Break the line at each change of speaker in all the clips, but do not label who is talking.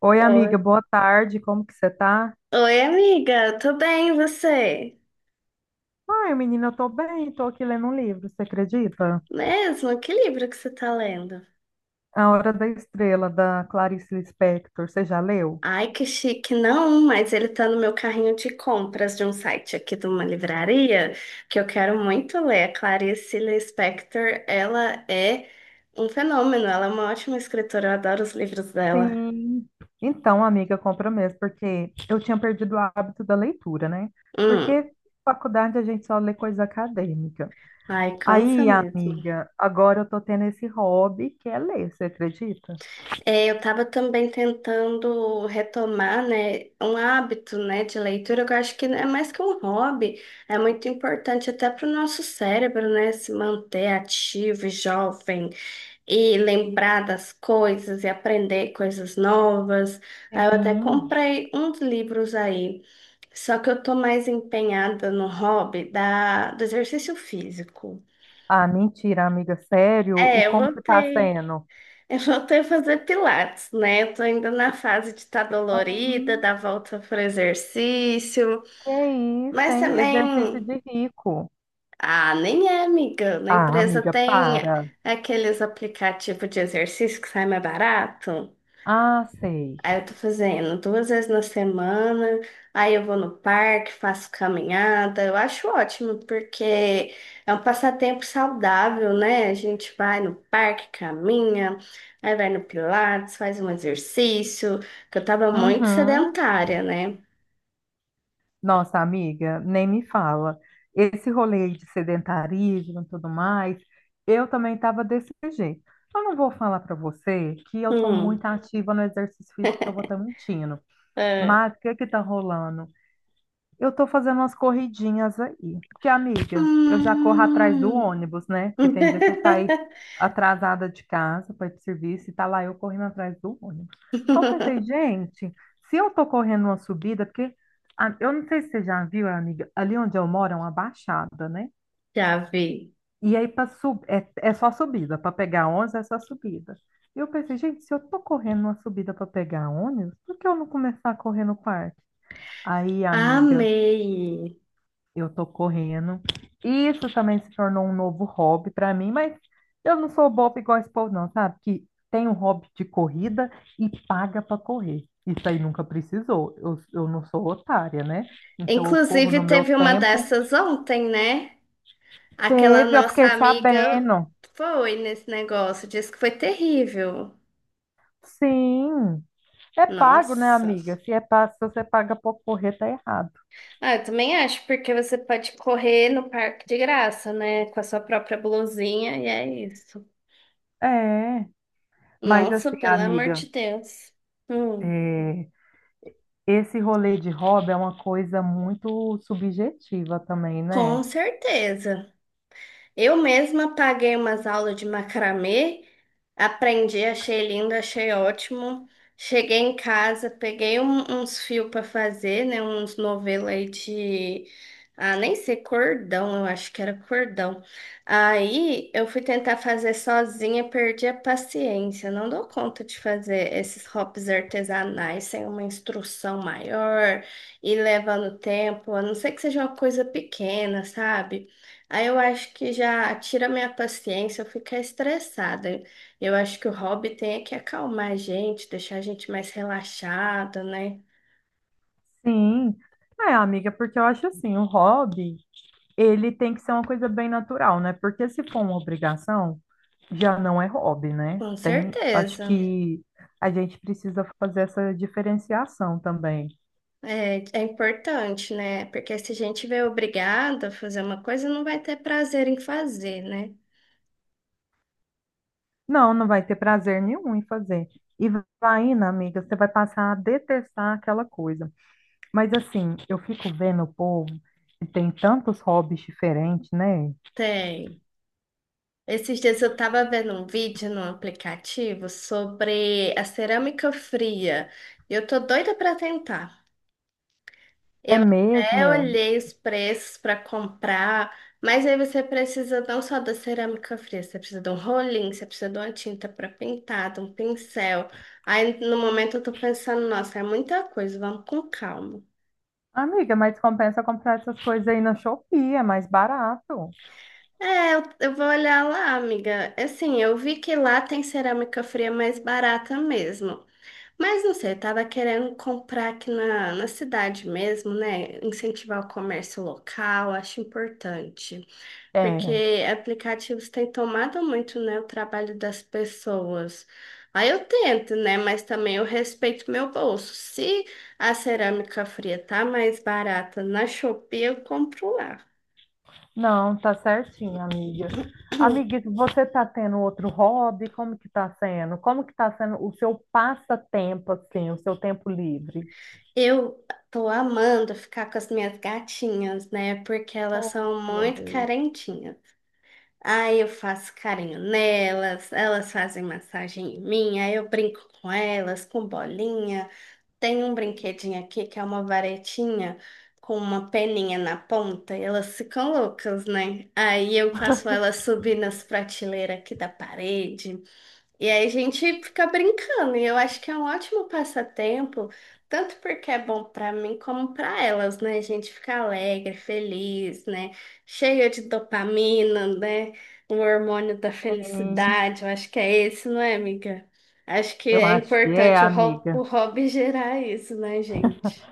Oi,
Oi,
amiga, boa tarde. Como que você tá?
Oi, amiga, tô bem, e você?
Ai, menina, eu tô bem, tô aqui lendo um livro, você acredita?
Mesmo? Que livro que você tá lendo?
A Hora da Estrela, da Clarice Lispector. Você já leu?
Ai, que chique, não, mas ele tá no meu carrinho de compras de um site aqui de uma livraria que eu quero muito ler. A Clarice Lispector, ela é um fenômeno, ela é uma ótima escritora, eu adoro os livros dela.
Sim. Então, amiga, compra mesmo, porque eu tinha perdido o hábito da leitura, né?
Hum,
Porque na faculdade a gente só lê coisa acadêmica.
ai, cansa
Aí,
mesmo.
amiga, agora eu tô tendo esse hobby que é ler, você acredita?
É, eu estava também tentando retomar, né, um hábito, né, de leitura, que eu acho que é mais que um hobby, é muito importante até para o nosso cérebro, né, se manter ativo e jovem e lembrar das coisas e aprender coisas novas. Aí eu até
Sim.
comprei uns livros aí, só que eu tô mais empenhada no hobby da, do exercício físico.
Ah, mentira, amiga, sério? E
É, eu
como que tá
voltei.
sendo?
Eu voltei a fazer pilates, né? Eu tô ainda na fase de estar dolorida, dar volta pro exercício,
Que é isso,
mas
hein? Exercício
também,
de rico.
ah, nem é, amiga. Na
Ah,
empresa
amiga,
tem
para.
aqueles aplicativos de exercício que sai mais barato.
Ah, sei.
Aí eu tô fazendo duas vezes na semana, aí eu vou no parque, faço caminhada. Eu acho ótimo, porque é um passatempo saudável, né? A gente vai no parque, caminha, aí vai no Pilates, faz um exercício, que eu tava muito
Uhum.
sedentária, né?
Nossa, amiga, nem me fala. Esse rolê de sedentarismo e tudo mais, eu também estava desse jeito. Eu não vou falar para você que eu estou muito
Hum.
ativa no exercício físico, que eu vou estar mentindo.
É.
Mas o que que tá rolando? Eu tô fazendo umas corridinhas aí. Porque, amiga, eu já corro atrás do
Hum.
ônibus, né? Porque tem dia que eu saio atrasada de casa para ir pro serviço e tá lá eu correndo atrás do ônibus. Aí eu pensei, gente, se eu tô correndo uma subida, porque eu não sei se você já viu, amiga, ali onde eu moro é uma baixada, né?
Já vi.
E aí para sub... é, é só subida, para pegar ônibus é só subida. E eu pensei, gente, se eu tô correndo uma subida para pegar ônibus, por que eu não começar a correr no parque? Aí, amiga.
Amei.
Eu tô correndo. Isso também se tornou um novo hobby para mim, mas eu não sou boba igual esse povo, não, sabe? Que tem um hobby de corrida e paga para correr. Isso aí nunca precisou. Eu não sou otária, né? Então eu corro no
Inclusive,
meu
teve uma
tempo.
dessas ontem, né? Aquela
Teve, eu
nossa
fiquei
amiga
sabendo.
foi nesse negócio, disse que foi terrível.
Sim, é pago, né,
Nossa.
amiga? Se é pago, se você paga para correr, tá errado.
Ah, eu também acho, porque você pode correr no parque de graça, né? Com a sua própria blusinha, e é isso.
É, mas
Nossa,
assim,
pelo amor
amiga,
de Deus. Hum,
é, esse rolê de hobby é uma coisa muito subjetiva também, né?
com certeza. Eu mesma paguei umas aulas de macramê, aprendi, achei lindo, achei ótimo. Cheguei em casa, peguei uns fios para fazer, né? Uns novelos aí de. Ah, nem sei, cordão, eu acho que era cordão. Aí eu fui tentar fazer sozinha, perdi a paciência. Não dou conta de fazer esses hops artesanais sem uma instrução maior e levando tempo, a não ser que seja uma coisa pequena, sabe? Aí eu acho que já tira minha paciência, eu ficar estressada. Eu acho que o hobby tem é que acalmar a gente, deixar a gente mais relaxada, né?
Sim. É, amiga, porque eu acho assim, o hobby, ele tem que ser uma coisa bem natural, né? Porque se for uma obrigação, já não é hobby, né?
Com
Tem, acho
certeza.
que a gente precisa fazer essa diferenciação também.
É, é importante, né? Porque se a gente vê obrigada a fazer uma coisa, não vai ter prazer em fazer, né?
Não, não vai ter prazer nenhum em fazer. E vai, indo, amiga, você vai passar a detestar aquela coisa. Mas assim, eu fico vendo o povo que tem tantos hobbies diferentes, né?
Tem. Esses dias eu tava vendo um vídeo no aplicativo sobre a cerâmica fria. E eu tô doida pra tentar.
É
Eu até
mesmo.
olhei os preços para comprar, mas aí você precisa não só da cerâmica fria, você precisa de um rolinho, você precisa de uma tinta para pintar, de um pincel. Aí no momento eu tô pensando, nossa, é muita coisa, vamos com calma.
Amiga, mas compensa comprar essas coisas aí na Shopee, é mais barato.
É, eu vou olhar lá, amiga. Assim, eu vi que lá tem cerâmica fria mais barata mesmo. Mas não sei, eu tava querendo comprar aqui na cidade mesmo, né? Incentivar o comércio local, acho importante.
É,
Porque aplicativos têm tomado muito, né, o trabalho das pessoas. Aí eu tento, né, mas também eu respeito meu bolso. Se a cerâmica fria tá mais barata na Shopee, eu compro lá.
não, tá certinho, amiga. Amiga, você tá tendo outro hobby? Como que tá sendo? Como que tá sendo o seu passatempo, assim, o seu tempo livre?
Eu tô amando ficar com as minhas gatinhas, né, porque elas
Oh,
são
meu
muito
Deus.
carentinhas. Aí eu faço carinho nelas, elas fazem massagem em mim, aí eu brinco com elas, com bolinha. Tem um brinquedinho aqui que é uma varetinha com uma peninha na ponta e elas ficam loucas, né? Aí eu faço elas subir nas prateleiras aqui da parede. E aí a gente fica brincando, e eu acho que é um ótimo passatempo, tanto porque é bom para mim como para elas, né? A gente fica alegre, feliz, né? Cheio de dopamina, né? O hormônio da
Sim,
felicidade, eu acho que é esse, não é, amiga? Acho que
eu
é
acho que é,
importante o
amiga.
hobby gerar isso, né, gente?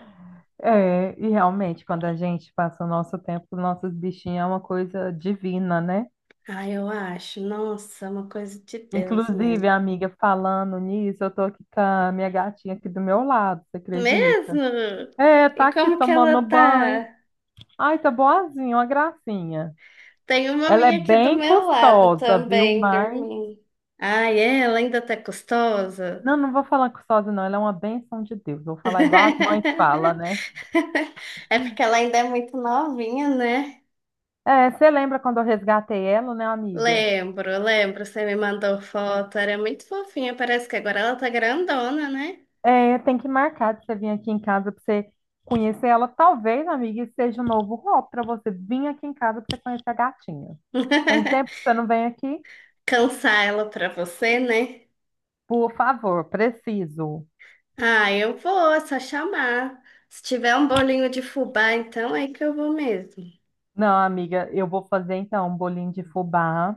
É, e realmente, quando a gente passa o nosso tempo com nossos bichinhos, é uma coisa divina, né?
Ah, eu acho. Nossa, é uma coisa de Deus
Inclusive,
mesmo.
amiga, falando nisso, eu tô aqui com a minha gatinha aqui do meu lado, você acredita?
Mesmo?
É, tá
E
aqui
como que
tomando
ela
banho.
tá?
Ai, tá boazinha, uma gracinha.
Tem uma
Ela é
minha aqui do
bem
meu lado
custosa, viu?
também,
Mas.
dormindo. Ai, é? Ela ainda tá gostosa?
Não, não vou falar custosa, não. Ela é uma benção de Deus. Vou falar igual as mães falam, né?
É porque ela ainda é muito novinha, né?
É, você lembra quando eu resgatei ela, né, amiga?
Lembro, lembro, você me mandou foto, era muito fofinha, parece que agora ela tá grandona, né?
É, tem que marcar de você vir aqui em casa para você conhecer ela. Talvez, amiga, isso seja um novo hobby para você vir aqui em casa para você conhecer a gatinha. Tem tempo que você não vem aqui?
Cansar ela pra você, né?
Por favor, preciso.
Ah, eu vou, é só chamar. Se tiver um bolinho de fubá, então é que eu vou mesmo.
Não, amiga, eu vou fazer então um bolinho de fubá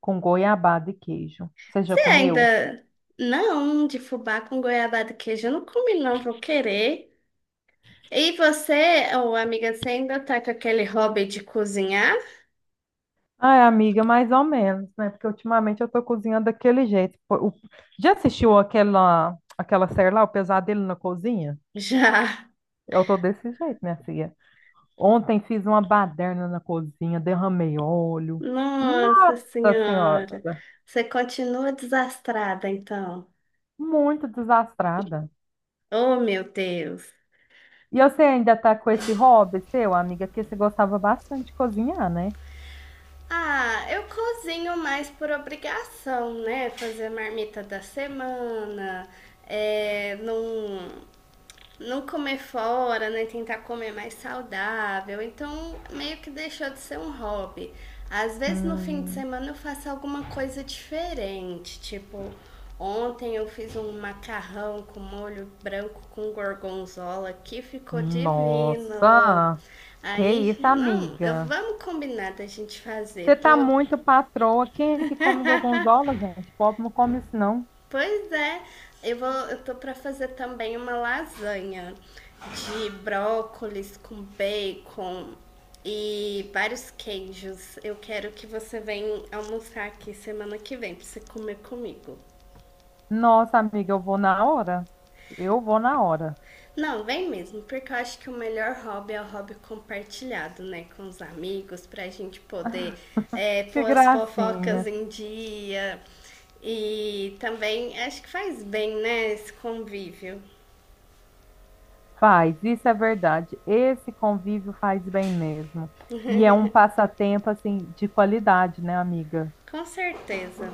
com goiabada e queijo. Você já
Você
comeu?
ainda. Não, de fubá com goiabada e queijo, eu não comi, não, vou querer. E você, ô amiga, você ainda tá com aquele hobby de cozinhar?
Ai, amiga, mais ou menos, né? Porque ultimamente eu tô cozinhando daquele jeito. Pô, o- Já assistiu aquela série lá, O Pesadelo na Cozinha?
Já.
Eu tô desse jeito, minha filha. Ontem fiz uma baderna na cozinha, derramei óleo.
Nossa
Nossa Senhora,
Senhora. Você continua desastrada, então.
muito desastrada.
Oh, meu Deus.
E você ainda tá com esse hobby seu, amiga, que você gostava bastante de cozinhar, né?
Ah, eu cozinho mais por obrigação, né? Fazer marmita da semana, é, não, não comer fora, né? Tentar comer mais saudável. Então, meio que deixou de ser um hobby. Às vezes no fim de
Hum,
semana eu faço alguma coisa diferente, tipo, ontem eu fiz um macarrão com molho branco com gorgonzola que ficou divino.
nossa, que
Aí,
isso,
não, eu,
amiga.
vamos combinar da gente
Você
fazer.
tá
Tô
muito patroa. Quem é que come gorgonzola, gente? Pobre não come isso, não.
Pois é, eu vou, eu tô pra fazer também uma lasanha de brócolis com bacon e vários queijos. Eu quero que você venha almoçar aqui semana que vem pra você comer comigo.
Nossa, amiga, eu vou na hora. Eu vou na hora.
Não, vem mesmo, porque eu acho que o melhor hobby é o hobby compartilhado, né, com os amigos, pra gente poder é,
Que
pôr as fofocas
gracinha.
em dia. E também acho que faz bem, né, esse convívio.
Faz, isso é verdade. Esse convívio faz bem mesmo. E é um passatempo assim de qualidade, né, amiga?
Com certeza.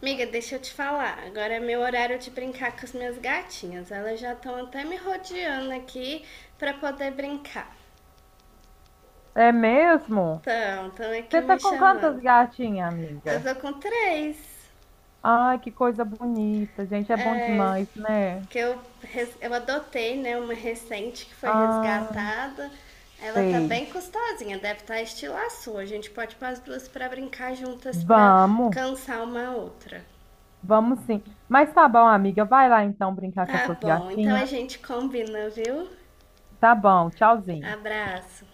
Amiga, deixa eu te falar. Agora é meu horário de brincar com as minhas gatinhas. Elas já estão até me rodeando aqui para poder brincar.
É mesmo?
Então, estão aqui
Você
me
tá com quantas
chamando.
gatinhas,
Eu
amiga?
tô com três.
Ai, que coisa bonita, gente, é bom
É,
demais, né?
que eu, res- eu adotei, né? Uma recente que foi
Ah,
resgatada. Ela tá
sei.
bem custosinha, deve estar estilo a sua. A gente pode pôr as duas para brincar juntas para
Vamos,
cansar uma a outra.
vamos sim. Mas tá bom, amiga, vai lá então brincar com as
Tá
suas
bom, então a
gatinhas.
gente combina, viu?
Tá bom, tchauzinho.
Abraço.